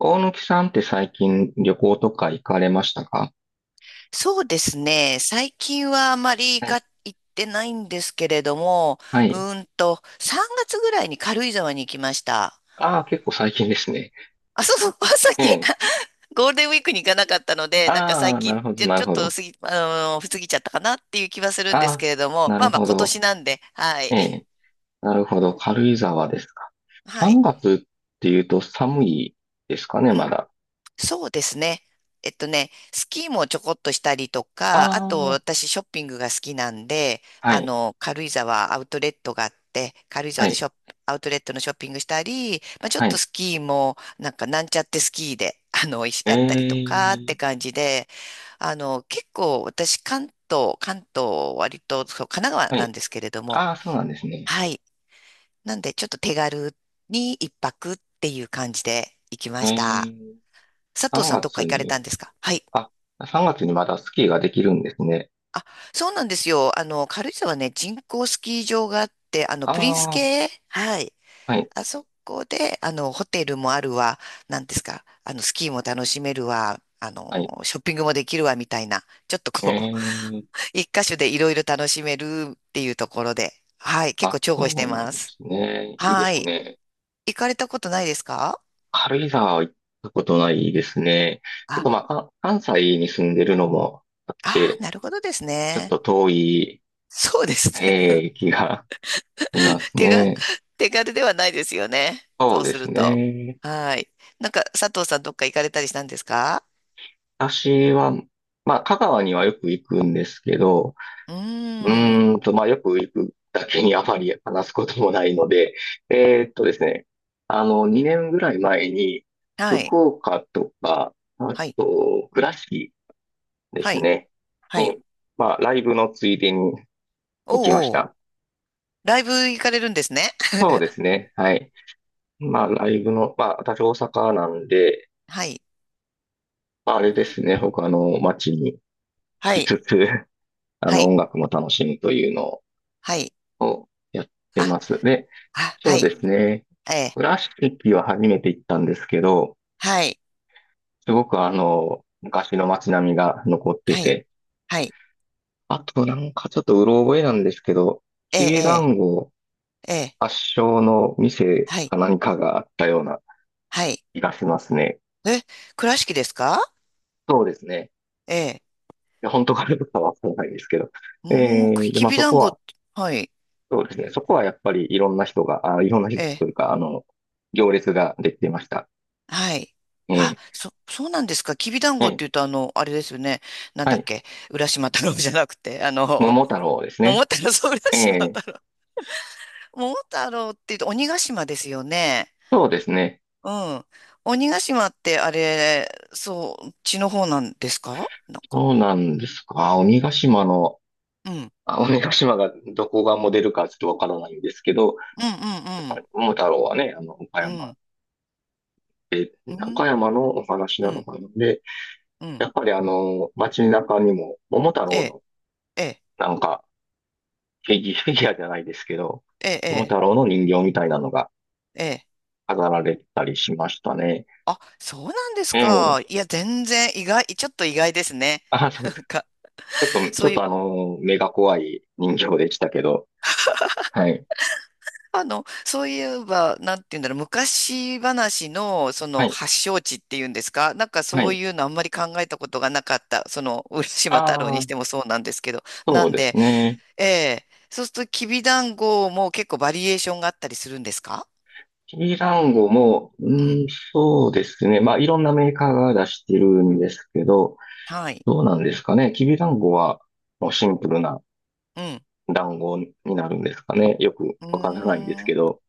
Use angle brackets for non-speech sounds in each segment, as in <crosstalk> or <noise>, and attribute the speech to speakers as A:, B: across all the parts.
A: 大貫さんって最近旅行とか行かれましたか？
B: そうですね。最近はあまり
A: はい。
B: か行ってないんですけれども、
A: はい。
B: 3月ぐらいに軽井沢に行きました。
A: ああ、結構最近ですね。
B: あ、そうそう、<laughs> さっ
A: え
B: き
A: え。
B: <laughs> ゴールデンウィークに行かなかったので、なんか
A: あ
B: 最
A: あ、な
B: 近、
A: るほど、な
B: ち
A: る
B: ょっ
A: ほ
B: と
A: ど。
B: 過ぎ、過ぎちゃったかなっていう気はするんで
A: あ
B: す
A: あ、
B: けれども、
A: な
B: ま
A: る
B: あまあ
A: ほ
B: 今
A: ど。
B: 年なんで、はい。
A: ええ。なるほど。軽井沢ですか。
B: は
A: 3
B: い。
A: 月っていうと寒いですかね、
B: う
A: ま
B: ん。
A: だ。
B: そうですね。えっとね、スキーもちょこっとしたりと
A: あ
B: か、あと
A: あ、
B: 私ショッピングが好きなんで、
A: は
B: あ
A: い、
B: の、軽井沢アウトレットがあって、軽井
A: は
B: 沢で
A: い、
B: ショップ、アウトレットのショッピングしたり、まあ、ちょっ
A: は
B: と
A: い。
B: スキーも、なんかなんちゃってスキーで、あの、いやったりと
A: え
B: かって
A: え、
B: 感じで、あの、結構私関東、関東割と、そう、神奈川
A: は
B: なん
A: い。
B: ですけれども、
A: ああ、そうなんですね。
B: はい。なんでちょっと手軽に一泊っていう感じで行きま
A: え
B: した。
A: え、
B: 佐藤
A: 3
B: さんどっか
A: 月
B: 行かれ
A: に、
B: たんですか？はい。
A: あ、3月にまだスキーができるんですね。
B: あ、そうなんですよ。あの、軽井沢ね、人工スキー場があって、あの、プリンス
A: ああ、
B: 系はい。
A: はい、
B: あそこで、あの、ホテルもあるわ、なんですか、あの、スキーも楽しめるわ、あ
A: はい。
B: の、ショッピングもできるわ、みたいな、ちょっとこう、
A: ええ、
B: <laughs> 一箇所でいろいろ楽しめるっていうところで、はい、結
A: あ、
B: 構重宝し
A: そ
B: て
A: うなん
B: ま
A: で
B: す。
A: すね。いいで
B: は
A: す
B: い。
A: ね。
B: 行かれたことないですか？
A: 軽井沢は行ったことないですね。ちょっ
B: あ、
A: とまあ、関西に住んでるのもあっ
B: あー、
A: て、
B: なるほどです
A: ちょっ
B: ね。
A: と遠い、
B: そうですね。
A: 気がします
B: 手が、<laughs>
A: ね。
B: 手軽ではないですよね。
A: そ
B: そ
A: う
B: う
A: で
B: す
A: す
B: ると。
A: ね。
B: はい。なんか、佐藤さんどっか行かれたりしたんですか？
A: 私は、まあ、香川にはよく行くんですけど、
B: うーん。
A: まあ、よく行くだけにあまり話すこともないので、ですね、あの、2年ぐらい前に、
B: はい。
A: 福岡とか、あ
B: はい。
A: と、倉敷、で
B: は
A: す
B: い。
A: ね。
B: はい。
A: に、まあ、ライブのついでに行きまし
B: おうおう。
A: た。
B: ライブ行かれるんですね。
A: そうで
B: <laughs>
A: すね。はい。まあ、ライブの、まあ、私大阪なんで、
B: はい。
A: まあ、あれですね。他の街に行
B: は
A: き
B: い。
A: つつ、<laughs> あ
B: は
A: の、
B: い。
A: 音楽も楽しむというのを
B: はい。
A: やって
B: あ、
A: ます。で、
B: あ、
A: そ
B: は
A: うで
B: い。
A: すね。
B: ええ。
A: 倉敷は初めて行ったんですけど、
B: はい。
A: すごくあの、昔の街並みが残って
B: はい。
A: て、
B: はい。
A: あとなんかちょっとうろ覚えなんですけど、
B: え
A: きびだ
B: え、
A: んご
B: ええ、ええ。
A: 発祥の店
B: はい。
A: か何かがあったような
B: はい。
A: 気がしますね。
B: え、倉敷ですか？
A: そうですね。
B: ええ。
A: いや本当かどうかはわからないですけど。
B: うーん、
A: で、
B: き
A: まあ
B: び
A: そ
B: だん
A: こ
B: ご。
A: は、
B: はい。
A: そうですね。そこはやっぱりいろんな人が、あ、いろんな
B: え
A: 人と
B: え。
A: いうか、あの、行列ができていました。
B: はい。
A: え
B: あ、
A: え、
B: そうなんですか。きびだんご
A: え
B: って
A: え、
B: 言うと、あの、あれですよね。なん
A: は
B: だっ
A: い。
B: け。浦島太郎 <laughs> じゃなくて、あの、
A: 桃太郎です
B: 桃
A: ね。
B: 太郎、そう、浦
A: え
B: 島
A: え、
B: 太郎。<laughs> 桃太郎って言うと、鬼ヶ島ですよね。
A: そうですね。
B: うん。鬼ヶ島って、あれ、そう、血の方なんですか？なんか。
A: そうなんですか。鬼ヶ島の、
B: うん。うん
A: あ、鬼ヶ島がどこがモデルかちょっとわからないんですけど、
B: う
A: やっぱ
B: ん
A: り桃太郎はね、あの、岡
B: うん。う
A: 山
B: ん。
A: で、
B: うん。
A: 岡山のお話
B: う
A: なの
B: ん。
A: かなので、
B: うん
A: やっぱりあの、街中にも桃太
B: え
A: 郎
B: え、
A: の
B: ええ、
A: なんか、フィギュアじゃないですけど、
B: え
A: 桃
B: え、
A: 太郎の人形みたいなのが
B: ええ。ええ
A: 飾られたりしましたね。
B: あ、そうなんです
A: え
B: か。
A: え。
B: いや、全然意外、ちょっと意外ですね。
A: あ、そう
B: なん
A: ですか。
B: か。
A: ちょっと、ち
B: そ
A: ょ
B: う
A: っ
B: い
A: と
B: う
A: あの、目が怖い人形でしたけど。はい。
B: あの、そういえば、なんて言うんだろう、昔話の、そ
A: は
B: の、
A: い。
B: 発祥地っていうんですか、なんか
A: は
B: そう
A: い。
B: いうのあんまり考えたことがなかった、その、浦島太郎
A: あ
B: に
A: あ、
B: してもそうなんですけど、な
A: そう
B: ん
A: です
B: で、
A: ね。
B: ええ、そうすると、きびだんごも結構バリエーションがあったりするんですか？
A: きランゴも、う
B: うん。
A: ん、そうですね。まあ、いろんなメーカーが出してるんですけど、
B: はい。
A: どうなんですかね。きびだんごは、もうシンプルな
B: うん。
A: 団子になるんですかね。よく
B: う
A: わからないんです
B: ー
A: け
B: ん。
A: ど。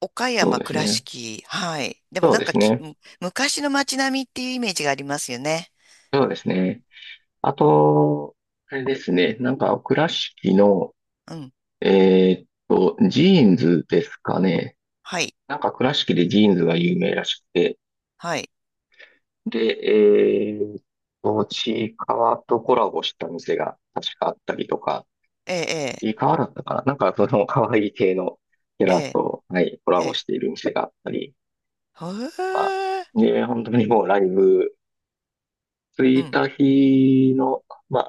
B: 岡
A: そう
B: 山、
A: です
B: 倉
A: ね。
B: 敷。はい。でも
A: そう
B: なん
A: で
B: か
A: す
B: き、
A: ね。
B: む昔の街並みっていうイメージがありますよね。
A: そうですね。あと、あれですね。なんか、倉敷の、
B: うん。
A: ジーンズですかね。
B: はい。
A: なんか、倉敷でジーンズが有名らしくて。
B: はい。
A: で、えーっちいかわとコラボした店が確かあったりとか、
B: ええ、
A: ちいかわだったかな。なんか、その可愛い系のキャ
B: え
A: ラ
B: え、
A: と、はい、コラ
B: ええ、え
A: ボ
B: え。
A: している店があったり
B: へ
A: とか。
B: え
A: で、本当にもうライブ、着
B: う
A: い
B: ん。
A: た日の、ま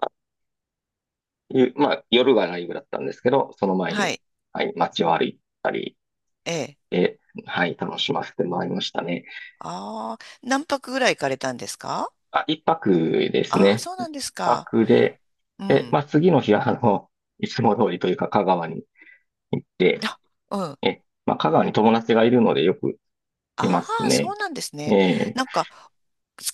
A: いう、まあ、夜がライブだったんですけど、その前
B: は
A: に、
B: い。
A: はい、街を歩いたり
B: ええ。
A: で、はい、楽しませてもらいましたね。
B: ああ、何泊ぐらい行かれたんですか？
A: あ、一泊です
B: ああー、
A: ね。
B: そう
A: 一
B: なんですか。
A: 泊で、
B: う
A: で、ま
B: ん。
A: あ、次の日は、あの、いつも通りというか、香川に行って、
B: あ、うん。
A: まあ、香川に友達がいるのでよくいま
B: あ
A: す
B: あ、そ
A: ね。
B: うなんです
A: え
B: ね。
A: え、
B: なんか、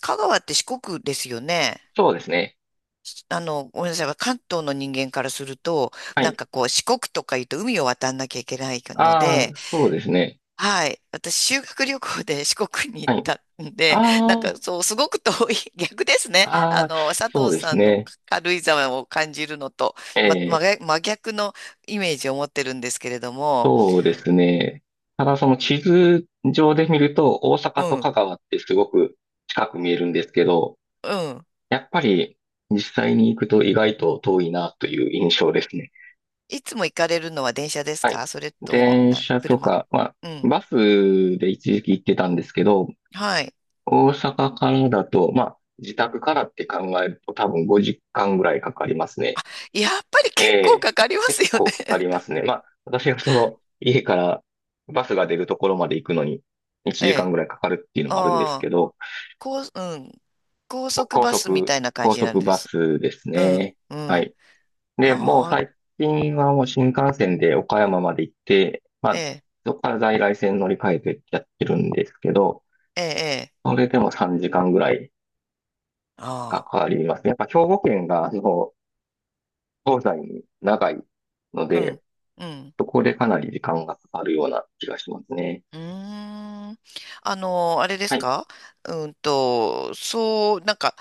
B: 香川って四国ですよね。
A: そうですね。
B: しあの、ごめんなさい。関東の人間からすると、
A: は
B: なん
A: い。
B: かこう、四国とか言うと海を渡んなきゃいけないの
A: ああ、
B: で、
A: そうですね。
B: はい。私、修学旅行で四国に行っ
A: はい。
B: たんで、なんか
A: あ
B: そう、すごく遠い、<laughs> 逆ですね。
A: あ、あ
B: あ
A: あ、
B: の、佐
A: そう
B: 藤
A: で
B: さ
A: す
B: んの
A: ね。
B: 軽井沢を感じるのと、ま、真
A: ええ、
B: 逆真逆のイメージを持ってるんですけれども、
A: そうですね。ただその地図上で見ると大
B: う
A: 阪と香
B: ん、
A: 川ってすごく近く見えるんですけど、
B: うん。
A: やっぱり実際に行くと意外と遠いなという印象ですね。
B: いつも行かれるのは電車です
A: はい。
B: か？それとも、
A: 電車と
B: 車。
A: か、まあ、
B: うん。
A: バスで一時期行ってたんですけど、
B: はい。
A: 大阪からだと、まあ、自宅からって考えると多分5時間ぐらいかかりますね。
B: やっぱり
A: え
B: 結構
A: え、
B: かかりま
A: 結
B: すよ
A: 構かか
B: ね。
A: りますね。まあ、私がその、家からバスが出るところまで行くのに、
B: <laughs>
A: 1
B: え
A: 時間
B: え。
A: ぐらいかかるっていうのもあるんです
B: あ
A: け
B: あ、
A: ど、
B: 高、うん。高速
A: 高
B: バスみ
A: 速、
B: たいな感
A: 高
B: じなん
A: 速
B: で
A: バ
B: す。
A: スです
B: うん、
A: ね。
B: う
A: は
B: ん。
A: い。で、もう
B: ああ、
A: 最近はもう新幹線で岡山まで行って、ま
B: え
A: あ、
B: え。
A: そこから在来線乗り換えてやってるんですけど、
B: ええ、ええ。
A: それでも3時間ぐらいか
B: あ
A: かりますね。やっぱ兵庫県が、その、東西に長いの
B: あ、う
A: で、
B: ん、うん。
A: そこでかなり時間がかかるような気がしますね。
B: うーん。あの、あれで
A: は
B: す
A: い。
B: か？うんと、そう、なんか、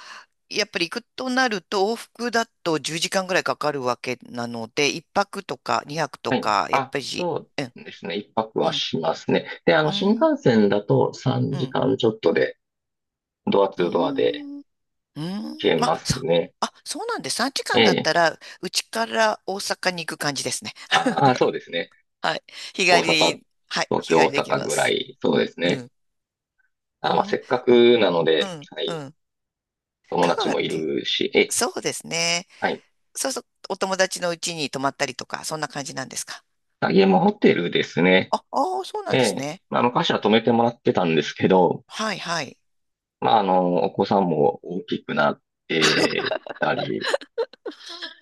B: やっぱり行くとなると、往復だと10時間ぐらいかかるわけなので、1泊とか2泊と
A: はい。
B: か、やっ
A: あ、
B: ぱり、
A: そ
B: うん、
A: うですね。一泊
B: う
A: は
B: ん、
A: しますね。で、あ
B: う
A: の、新
B: ん、
A: 幹線だと3
B: うん、
A: 時間ちょっとで、ドアツ
B: う
A: ードアで
B: ん、うん。
A: 消え
B: ま
A: ま
B: あ、
A: す
B: さ、
A: ね。
B: あ、そうなんです。3時
A: え
B: 間だっ
A: え。
B: たら、うちから大阪に行く感じですね。
A: ああ、そうですね。
B: はい。日
A: 大
B: 帰
A: 阪、
B: り、はい、
A: 東
B: 日帰
A: 京、大
B: りでき
A: 阪
B: ま
A: ぐら
B: す。
A: い、そうです
B: う
A: ね。
B: ん、う
A: あ、まあ、せ
B: ん、
A: っかくなの
B: う
A: で、
B: ん、
A: は
B: う
A: い。
B: ん。
A: 友
B: 香
A: 達
B: 川っ
A: もい
B: て、
A: るし、ええ、
B: そうですね。
A: はい。
B: そうそう、お友達の家に泊まったりとか、そんな感じなんですか。
A: あ、家もホテルですね。
B: あ、ああ、そうなん
A: え
B: です
A: え。
B: ね。
A: まあ、昔は泊めてもらってたんですけど、
B: はい、はい。
A: まあ、あの、お子さんも大きくなってたり、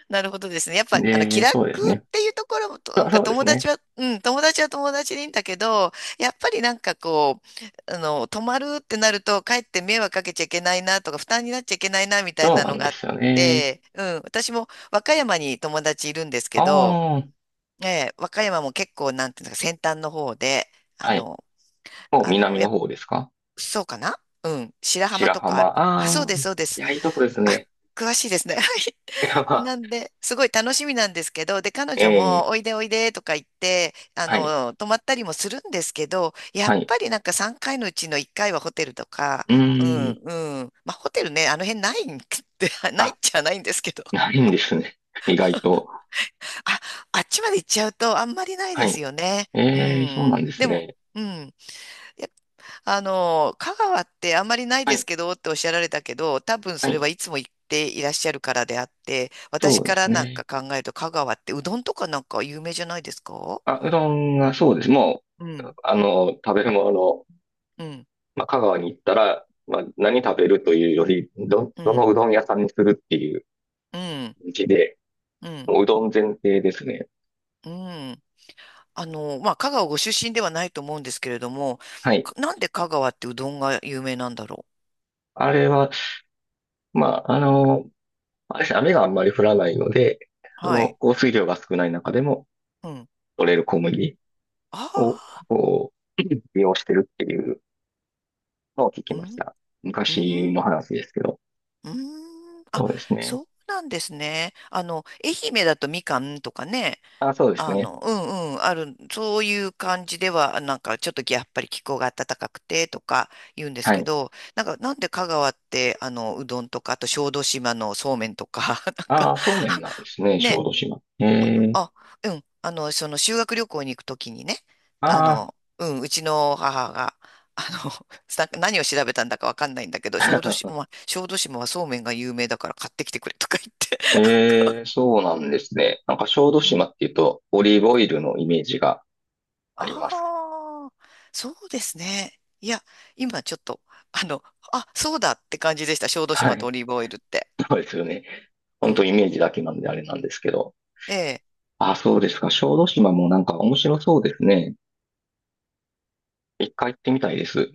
B: なるほどですね。やっぱり、あの、気
A: で、
B: 楽
A: そうです
B: っ
A: ね。
B: ていうところも、とな
A: あ、
B: んか
A: そうで
B: 友
A: す
B: 達
A: ね。
B: は、うん、友達は友達でいいんだけど、やっぱりなんかこう、あの、泊まるってなると、かえって迷惑かけちゃいけないなとか、負担になっちゃいけないなみたい
A: そう
B: な
A: な
B: の
A: ん
B: があ
A: で
B: っ
A: すよね。
B: て、うん、私も和歌山に友達いるんですけど、
A: ああ、
B: ええ、和歌山も結構、なんていうのか、先端の方で、あ
A: はい。
B: の、
A: もう
B: あの、
A: 南
B: や
A: の
B: っ
A: 方ですか？
B: そうかな？うん。白浜
A: 白
B: とか
A: 浜。
B: ある。あ、
A: あ
B: そう
A: あ、
B: です、
A: い
B: そうです。
A: や、いいとこです
B: あ、
A: ね。
B: 詳しいですね。はい。
A: いや、まあ、
B: なんで、すごい楽しみなんですけど、で、彼
A: え
B: 女も、
A: え、
B: おいでおいでとか言って、あ
A: はい、
B: の、泊まったりもするんですけど、やっ
A: はい。
B: ぱりなんか3回のうちの1回はホテルとか、
A: う
B: うん、
A: ーん、
B: うん。まあ、ホテルね、あの辺ないん <laughs> ってないっ
A: あ、
B: ちゃないんですけど、
A: ないんですね。<laughs> 意外と。
B: あ、あっちまで行っちゃうとあんまりない
A: は
B: で
A: い。
B: すよね。う
A: ええ、そうな
B: ん。
A: んです
B: でも、
A: ね。
B: うん。あの、香川ってあんまりない
A: は
B: です
A: い、
B: けどっておっしゃられたけど、多分
A: は
B: それ
A: い。
B: はいつも行っていらっしゃるからであって、私
A: そうで
B: か
A: す
B: らなん
A: ね。
B: か考えると香川ってうどんとかなんか有名じゃないですか？
A: あ、うどんが、そうです。も
B: う
A: う、
B: ん。
A: あの、食べるもの、
B: うん、
A: まあ、香川に行ったら、まあ、何食べるというより、ど、
B: う
A: ど
B: ん、
A: のうどん屋さんにするっていう
B: うん、
A: 感じで、
B: うん、
A: もううどん前提ですね。
B: うん。あの、まあ、香川ご出身ではないと思うんですけれども、
A: はい。
B: かなんで香川ってうどんが有名なんだろ
A: あれは、まあ、あの、あれですね、雨があんまり降らないので、
B: う。
A: そ
B: は
A: の
B: い。
A: 降水量が少ない中でも
B: うん。
A: 取れる小麦
B: あ
A: を、
B: あ、
A: こう、<laughs> 利用してるっていうのを聞き
B: う
A: まし
B: ん、
A: た。
B: う
A: 昔の
B: ん、
A: 話ですけど。
B: うん。あ、
A: そうですね。
B: そうなんですね。あの、愛媛だとみかんとかね、
A: あ、そうです
B: あ
A: ね。
B: の、うんうん、ある、そういう感じでは、なんかちょっとやっぱり気候が暖かくてとか言うんです
A: は
B: け
A: い。
B: ど、なんかなんで香川って、あの、うどんとか、あと小豆島のそうめんとか、<laughs> なん
A: あ
B: か、
A: あ、そうめんなんですね、小
B: ね、
A: 豆島。ええ、
B: あ、うん、あの、その修学旅行に行くときにね、あ
A: あ
B: の、うん、うちの母が、あの、<laughs> さ何を調べたんだかわかんないんだけど、小豆
A: あ、
B: 島、小豆島はそうめんが有名だから買ってきてくれとか言って
A: <laughs> ええ、そうなんですね。なんか小豆島っていうと、オリーブオイルのイメージがあります。
B: ああ、そうですね。いや、今ちょっと、あの、あ、そうだって感じでした。小豆
A: は
B: 島と
A: い。
B: オリーブオイルって。
A: そうですよね。
B: う
A: 本
B: ん。
A: 当イメージだけなんであれなんですけど。
B: ええ
A: あ、そうですか。小豆島もなんか面白そうですね。一回行ってみたいです。